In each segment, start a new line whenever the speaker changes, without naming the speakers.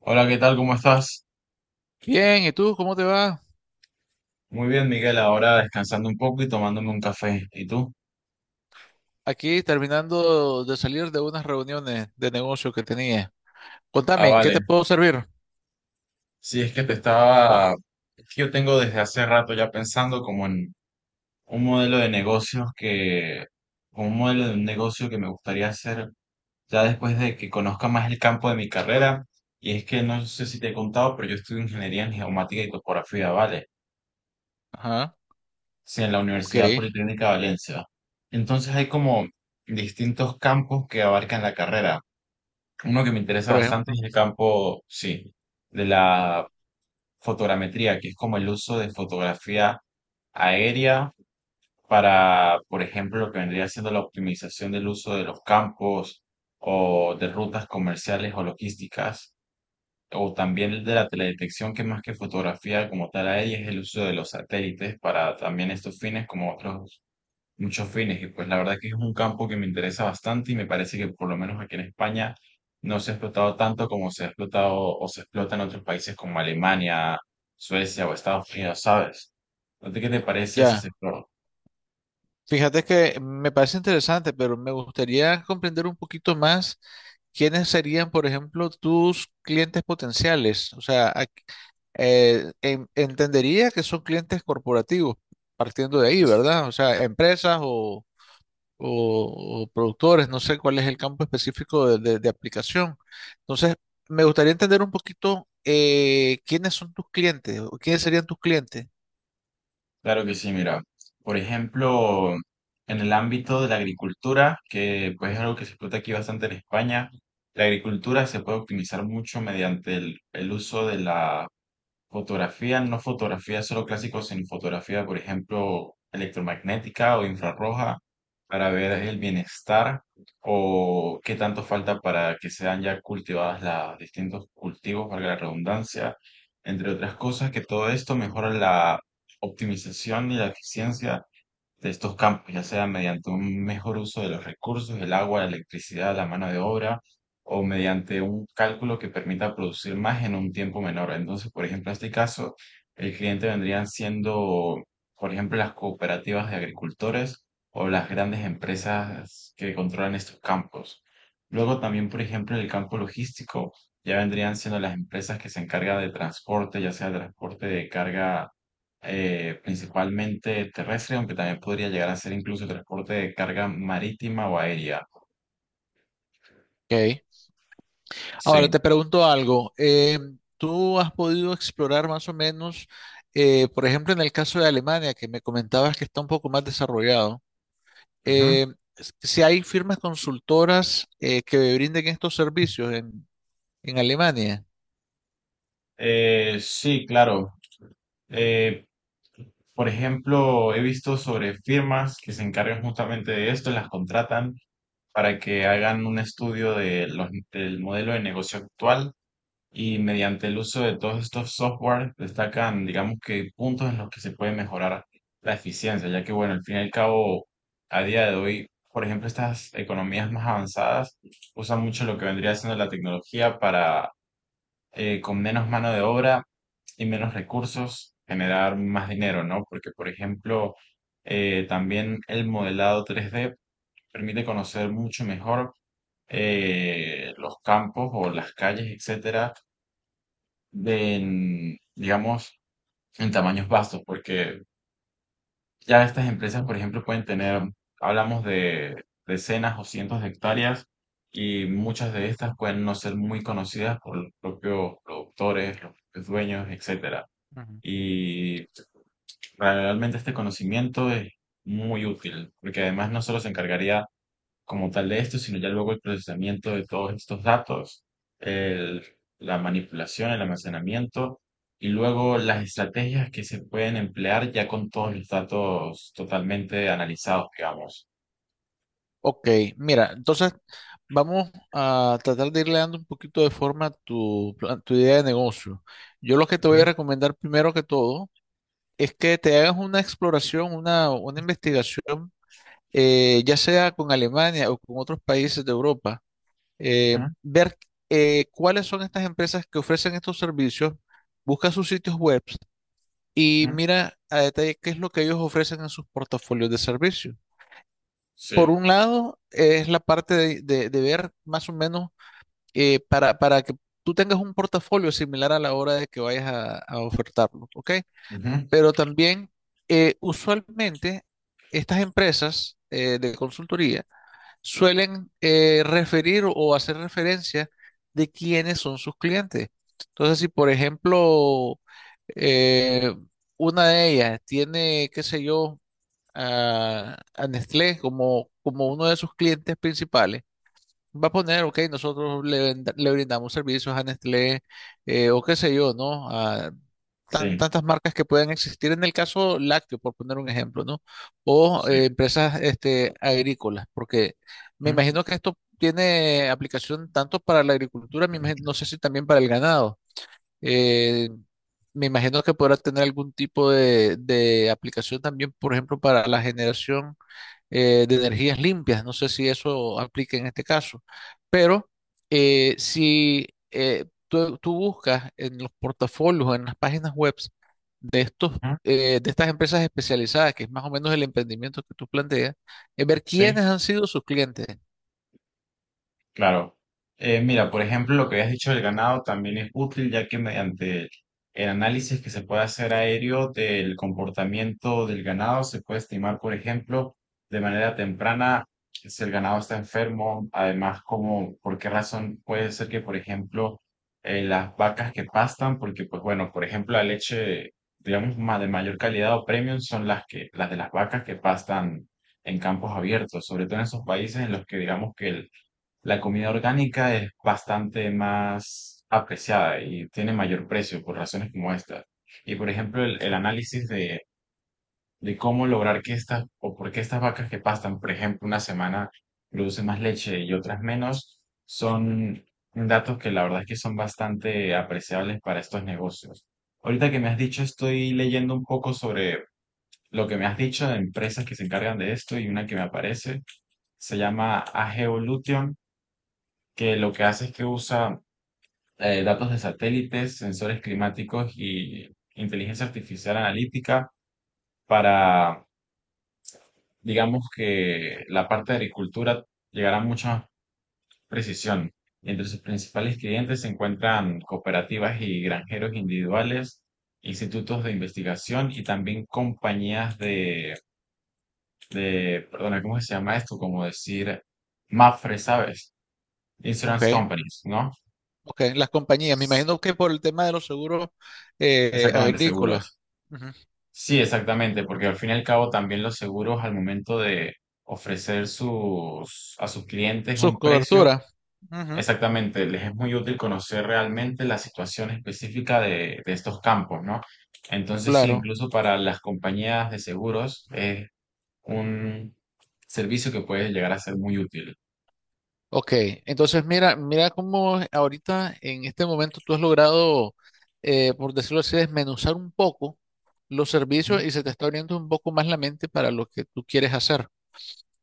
Hola, ¿qué tal? ¿Cómo estás?
Bien, ¿y tú cómo te va?
Muy bien, Miguel. Ahora descansando un poco y tomándome un café. ¿Y tú?
Aquí terminando de salir de unas reuniones de negocio que tenía.
Ah,
Contame, ¿en ¿qué
vale.
te puedo servir?
Sí, es que te estaba... es que yo tengo desde hace rato ya pensando como en un modelo de negocios que... un modelo de un negocio que me gustaría hacer ya después de que conozca más el campo de mi carrera. Y es que no sé si te he contado, pero yo estudio ingeniería en geomática y topografía, ¿vale?
Ajá,
Sí, en la
ok,
Universidad Politécnica de Valencia. Entonces hay como distintos campos que abarcan la carrera. Uno que me interesa
por
bastante
ejemplo.
es el campo, sí, de la fotogrametría, que es como el uso de fotografía aérea para, por ejemplo, lo que vendría siendo la optimización del uso de los campos o de rutas comerciales o logísticas, o también el de la teledetección, que más que fotografía como tal aérea es el uso de los satélites para también estos fines, como otros muchos fines. Y pues la verdad que es un campo que me interesa bastante y me parece que por lo menos aquí en España no se ha explotado tanto como se ha explotado o se explota en otros países como Alemania, Suecia o Estados Unidos, ¿sabes? Entonces, ¿qué te parece ese
Ya,
sector?
fíjate que me parece interesante, pero me gustaría comprender un poquito más quiénes serían, por ejemplo, tus clientes potenciales. O sea, entendería que son clientes corporativos, partiendo de ahí, ¿verdad? O sea, empresas o, productores, no sé cuál es el campo específico de aplicación. Entonces, me gustaría entender un poquito quiénes son tus clientes o quiénes serían tus clientes.
Claro que sí, mira. Por ejemplo, en el ámbito de la agricultura, que pues es algo que se explota aquí bastante en España, la agricultura se puede optimizar mucho mediante el uso de la fotografía, no fotografía solo clásico, sino fotografía, por ejemplo, electromagnética o infrarroja para ver el bienestar o qué tanto falta para que sean ya cultivadas los distintos cultivos, valga la redundancia, entre otras cosas, que todo esto mejora la optimización y la eficiencia de estos campos, ya sea mediante un mejor uso de los recursos, el agua, la electricidad, la mano de obra, o mediante un cálculo que permita producir más en un tiempo menor. Entonces, por ejemplo, en este caso, el cliente vendrían siendo, por ejemplo, las cooperativas de agricultores o las grandes empresas que controlan estos campos. Luego también, por ejemplo, en el campo logístico, ya vendrían siendo las empresas que se encargan de transporte, ya sea transporte de carga principalmente terrestre, aunque también podría llegar a ser incluso transporte de carga marítima o aérea.
Ok. Ahora
Sí.
te pregunto algo. ¿Tú has podido explorar más o menos, por ejemplo, en el caso de Alemania, que me comentabas que está un poco más desarrollado,
Ujú.
eh, si hay firmas consultoras que brinden estos servicios en Alemania?
Sí, claro. Eh, por ejemplo, he visto sobre firmas que se encargan justamente de esto, las contratan para que hagan un estudio de del modelo de negocio actual y mediante el uso de todos estos softwares destacan, digamos que puntos en los que se puede mejorar la eficiencia, ya que bueno, al fin y al cabo, a día de hoy, por ejemplo, estas economías más avanzadas usan mucho lo que vendría siendo la tecnología para con menos mano de obra y menos recursos generar más dinero, ¿no? Porque, por ejemplo, también el modelado tres d permite conocer mucho mejor los campos o las calles, etcétera de en, digamos, en tamaños vastos, porque ya estas empresas, por ejemplo, pueden tener, hablamos de decenas o cientos de hectáreas y muchas de estas pueden no ser muy conocidas por los propios productores, los propios dueños, etcétera. Y realmente este conocimiento es muy útil, porque además no solo se encargaría como tal de esto, sino ya luego el procesamiento de todos estos datos, el- la manipulación, el almacenamiento y luego las estrategias que se pueden emplear ya con todos los datos totalmente analizados, digamos.
Ok, mira, entonces vamos a tratar de irle dando un poquito de forma a tu, tu idea de negocio. Yo lo que te
Ujú,
voy a recomendar primero que todo es que te hagas una exploración, una investigación, ya sea con Alemania o con otros países de Europa,
ujú,
ver cuáles son estas empresas que ofrecen estos servicios, busca sus sitios web y
ujú.
mira a detalle qué es lo que ellos ofrecen en sus portafolios de servicios por
Sí,
un lado, es la parte de ver más o menos para que tú tengas un portafolio similar a la hora de que vayas a ofertarlo, ¿ok?
ujú,
Pero también, usualmente, estas empresas de consultoría suelen referir o hacer referencia de quiénes son sus clientes. Entonces, si por ejemplo, eh, una de ellas tiene, qué sé yo, a Nestlé como, como uno de sus clientes principales. Va a poner, ok, nosotros le, le brindamos servicios a Nestlé o qué sé yo, ¿no? A
sí,
tantas marcas que pueden existir en el caso lácteo, por poner un ejemplo, ¿no? O
sí,
empresas este, agrícolas, porque me
ujú,
imagino que esto tiene aplicación tanto para la agricultura, no sé si también para el ganado. Eh, Me imagino que podrá tener algún tipo de aplicación también, por ejemplo, para la generación de energías limpias. No sé si eso aplica en este caso, pero si tú, tú buscas en los portafolios, en las páginas web de estos,
ujú,
de estas empresas especializadas, que es más o menos el emprendimiento que tú planteas, es ver
sí.
quiénes han sido sus clientes.
Claro. Mira, por ejemplo, lo que habías dicho del ganado también es útil, ya que mediante el análisis que se puede hacer aéreo del comportamiento del ganado, se puede estimar, por ejemplo, de manera temprana si el ganado está enfermo, además, como, por qué razón puede ser que, por ejemplo, las vacas que pastan, porque, pues bueno, por ejemplo, la leche, digamos, más de mayor calidad o premium son las que, las de las vacas que pastan en campos abiertos, sobre todo en esos países en los que digamos que el la comida orgánica es bastante más apreciada y tiene mayor precio por razones como estas. Y por ejemplo, el análisis de cómo lograr que estas, o por qué estas vacas que pastan, por ejemplo, una semana producen más leche y otras menos, son datos que la verdad es que son bastante apreciables para estos negocios. Ahorita que me has dicho, estoy leyendo un poco sobre lo que me has dicho de empresas que se encargan de esto y una que me aparece se llama AG que lo que hace es que usa datos de satélites, sensores climáticos y inteligencia artificial analítica para, digamos que la parte de agricultura llegará a mucha precisión. Entre sus principales clientes se encuentran cooperativas y granjeros individuales, institutos de investigación y también compañías de, perdona, ¿cómo se llama esto? Como decir, MAFRE, ¿sabes?
Ok,
Insurance companies, ¿no?
ok, las compañías. Me imagino que por el tema de los seguros
Exactamente,
agrícolas.
seguros. Sí, exactamente, porque al fin y al cabo también los seguros al momento de ofrecer sus, a sus clientes
Sus
un precio,
coberturas. Ujú,
exactamente, les es muy útil conocer realmente la situación específica de estos campos, ¿no? Entonces, sí,
claro.
incluso para las compañías de seguros es un servicio que puede llegar a ser muy útil.
Ok. Entonces, mira, mira cómo ahorita, en este momento, tú has logrado, por decirlo así, desmenuzar un poco los
Ujú.
servicios y se te está abriendo un poco más la mente para lo que tú quieres hacer.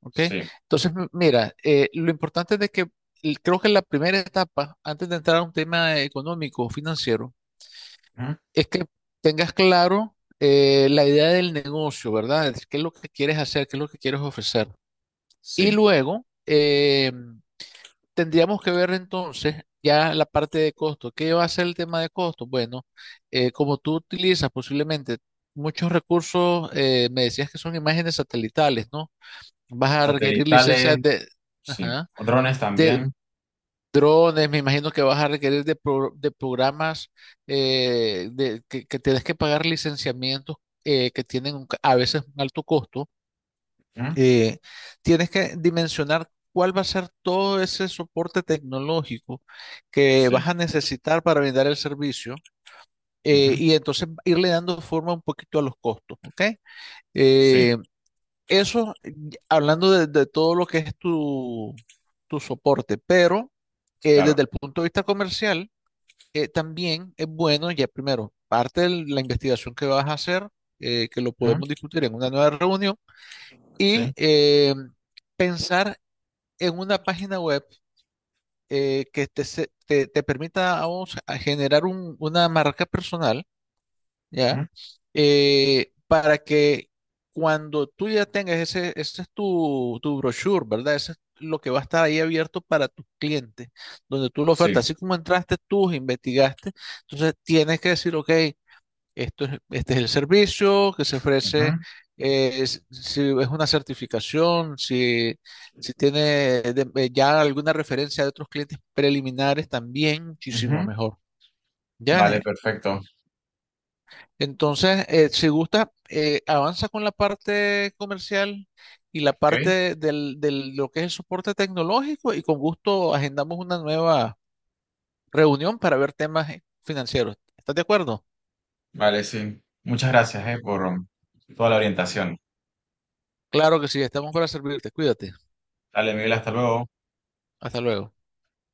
Ok.
Sí,
Entonces, mira, lo importante es de que creo que la primera etapa, antes de entrar a un tema económico o financiero,
ujú,
es que tengas claro la idea del negocio, ¿verdad? Es ¿qué es lo que quieres hacer? ¿Qué es lo que quieres ofrecer? Y
sí.
luego tendríamos que ver entonces ya la parte de costo. ¿Qué va a ser el tema de costo? Bueno, como tú utilizas posiblemente muchos recursos, me decías que son imágenes satelitales, ¿no? Vas a requerir licencias
Satelitales,
de,
sí.
ajá,
Drones
de
también.
drones, me imagino que vas a requerir de, de programas de, que tienes que pagar licenciamientos que tienen un a veces un alto costo
Ujú.
eh, tienes que dimensionar cuál va a ser todo ese soporte tecnológico que
Sí,
vas a necesitar para brindar el servicio
ujú,
y entonces irle dando forma un poquito a los costos, ¿ok?
sí,
Eh, eso, hablando de todo lo que es tu, tu soporte, pero
claro.
desde el punto de vista comercial, también es bueno, ya primero, parte de la investigación que vas a hacer, que lo
Ujú.
podemos discutir en una nueva reunión,
Sí.
y pensar en una página web que te, te, te permita a vos a generar una marca personal, ¿ya? Para que cuando tú ya tengas ese, ese es tu, tu brochure, ¿verdad? Ese es lo que va a estar ahí abierto para tus clientes, donde tú lo
Sí.
ofertas. Así como entraste tú, investigaste, entonces tienes que decir, ok. Este es el servicio que se ofrece,
Ujú,
si es una certificación, si, si tiene ya alguna referencia de otros clientes preliminares, también muchísimo
ujú.
mejor. ¿Ya?
Vale, perfecto.
Entonces, si gusta, avanza con la parte comercial y la
Ok.
parte lo que es el soporte tecnológico y con gusto agendamos una nueva reunión para ver temas financieros. ¿Estás de acuerdo?
Vale, sí. Muchas gracias, por toda la orientación.
Claro que sí, estamos para servirte. Cuídate.
Dale, Miguel, hasta luego.
Hasta luego.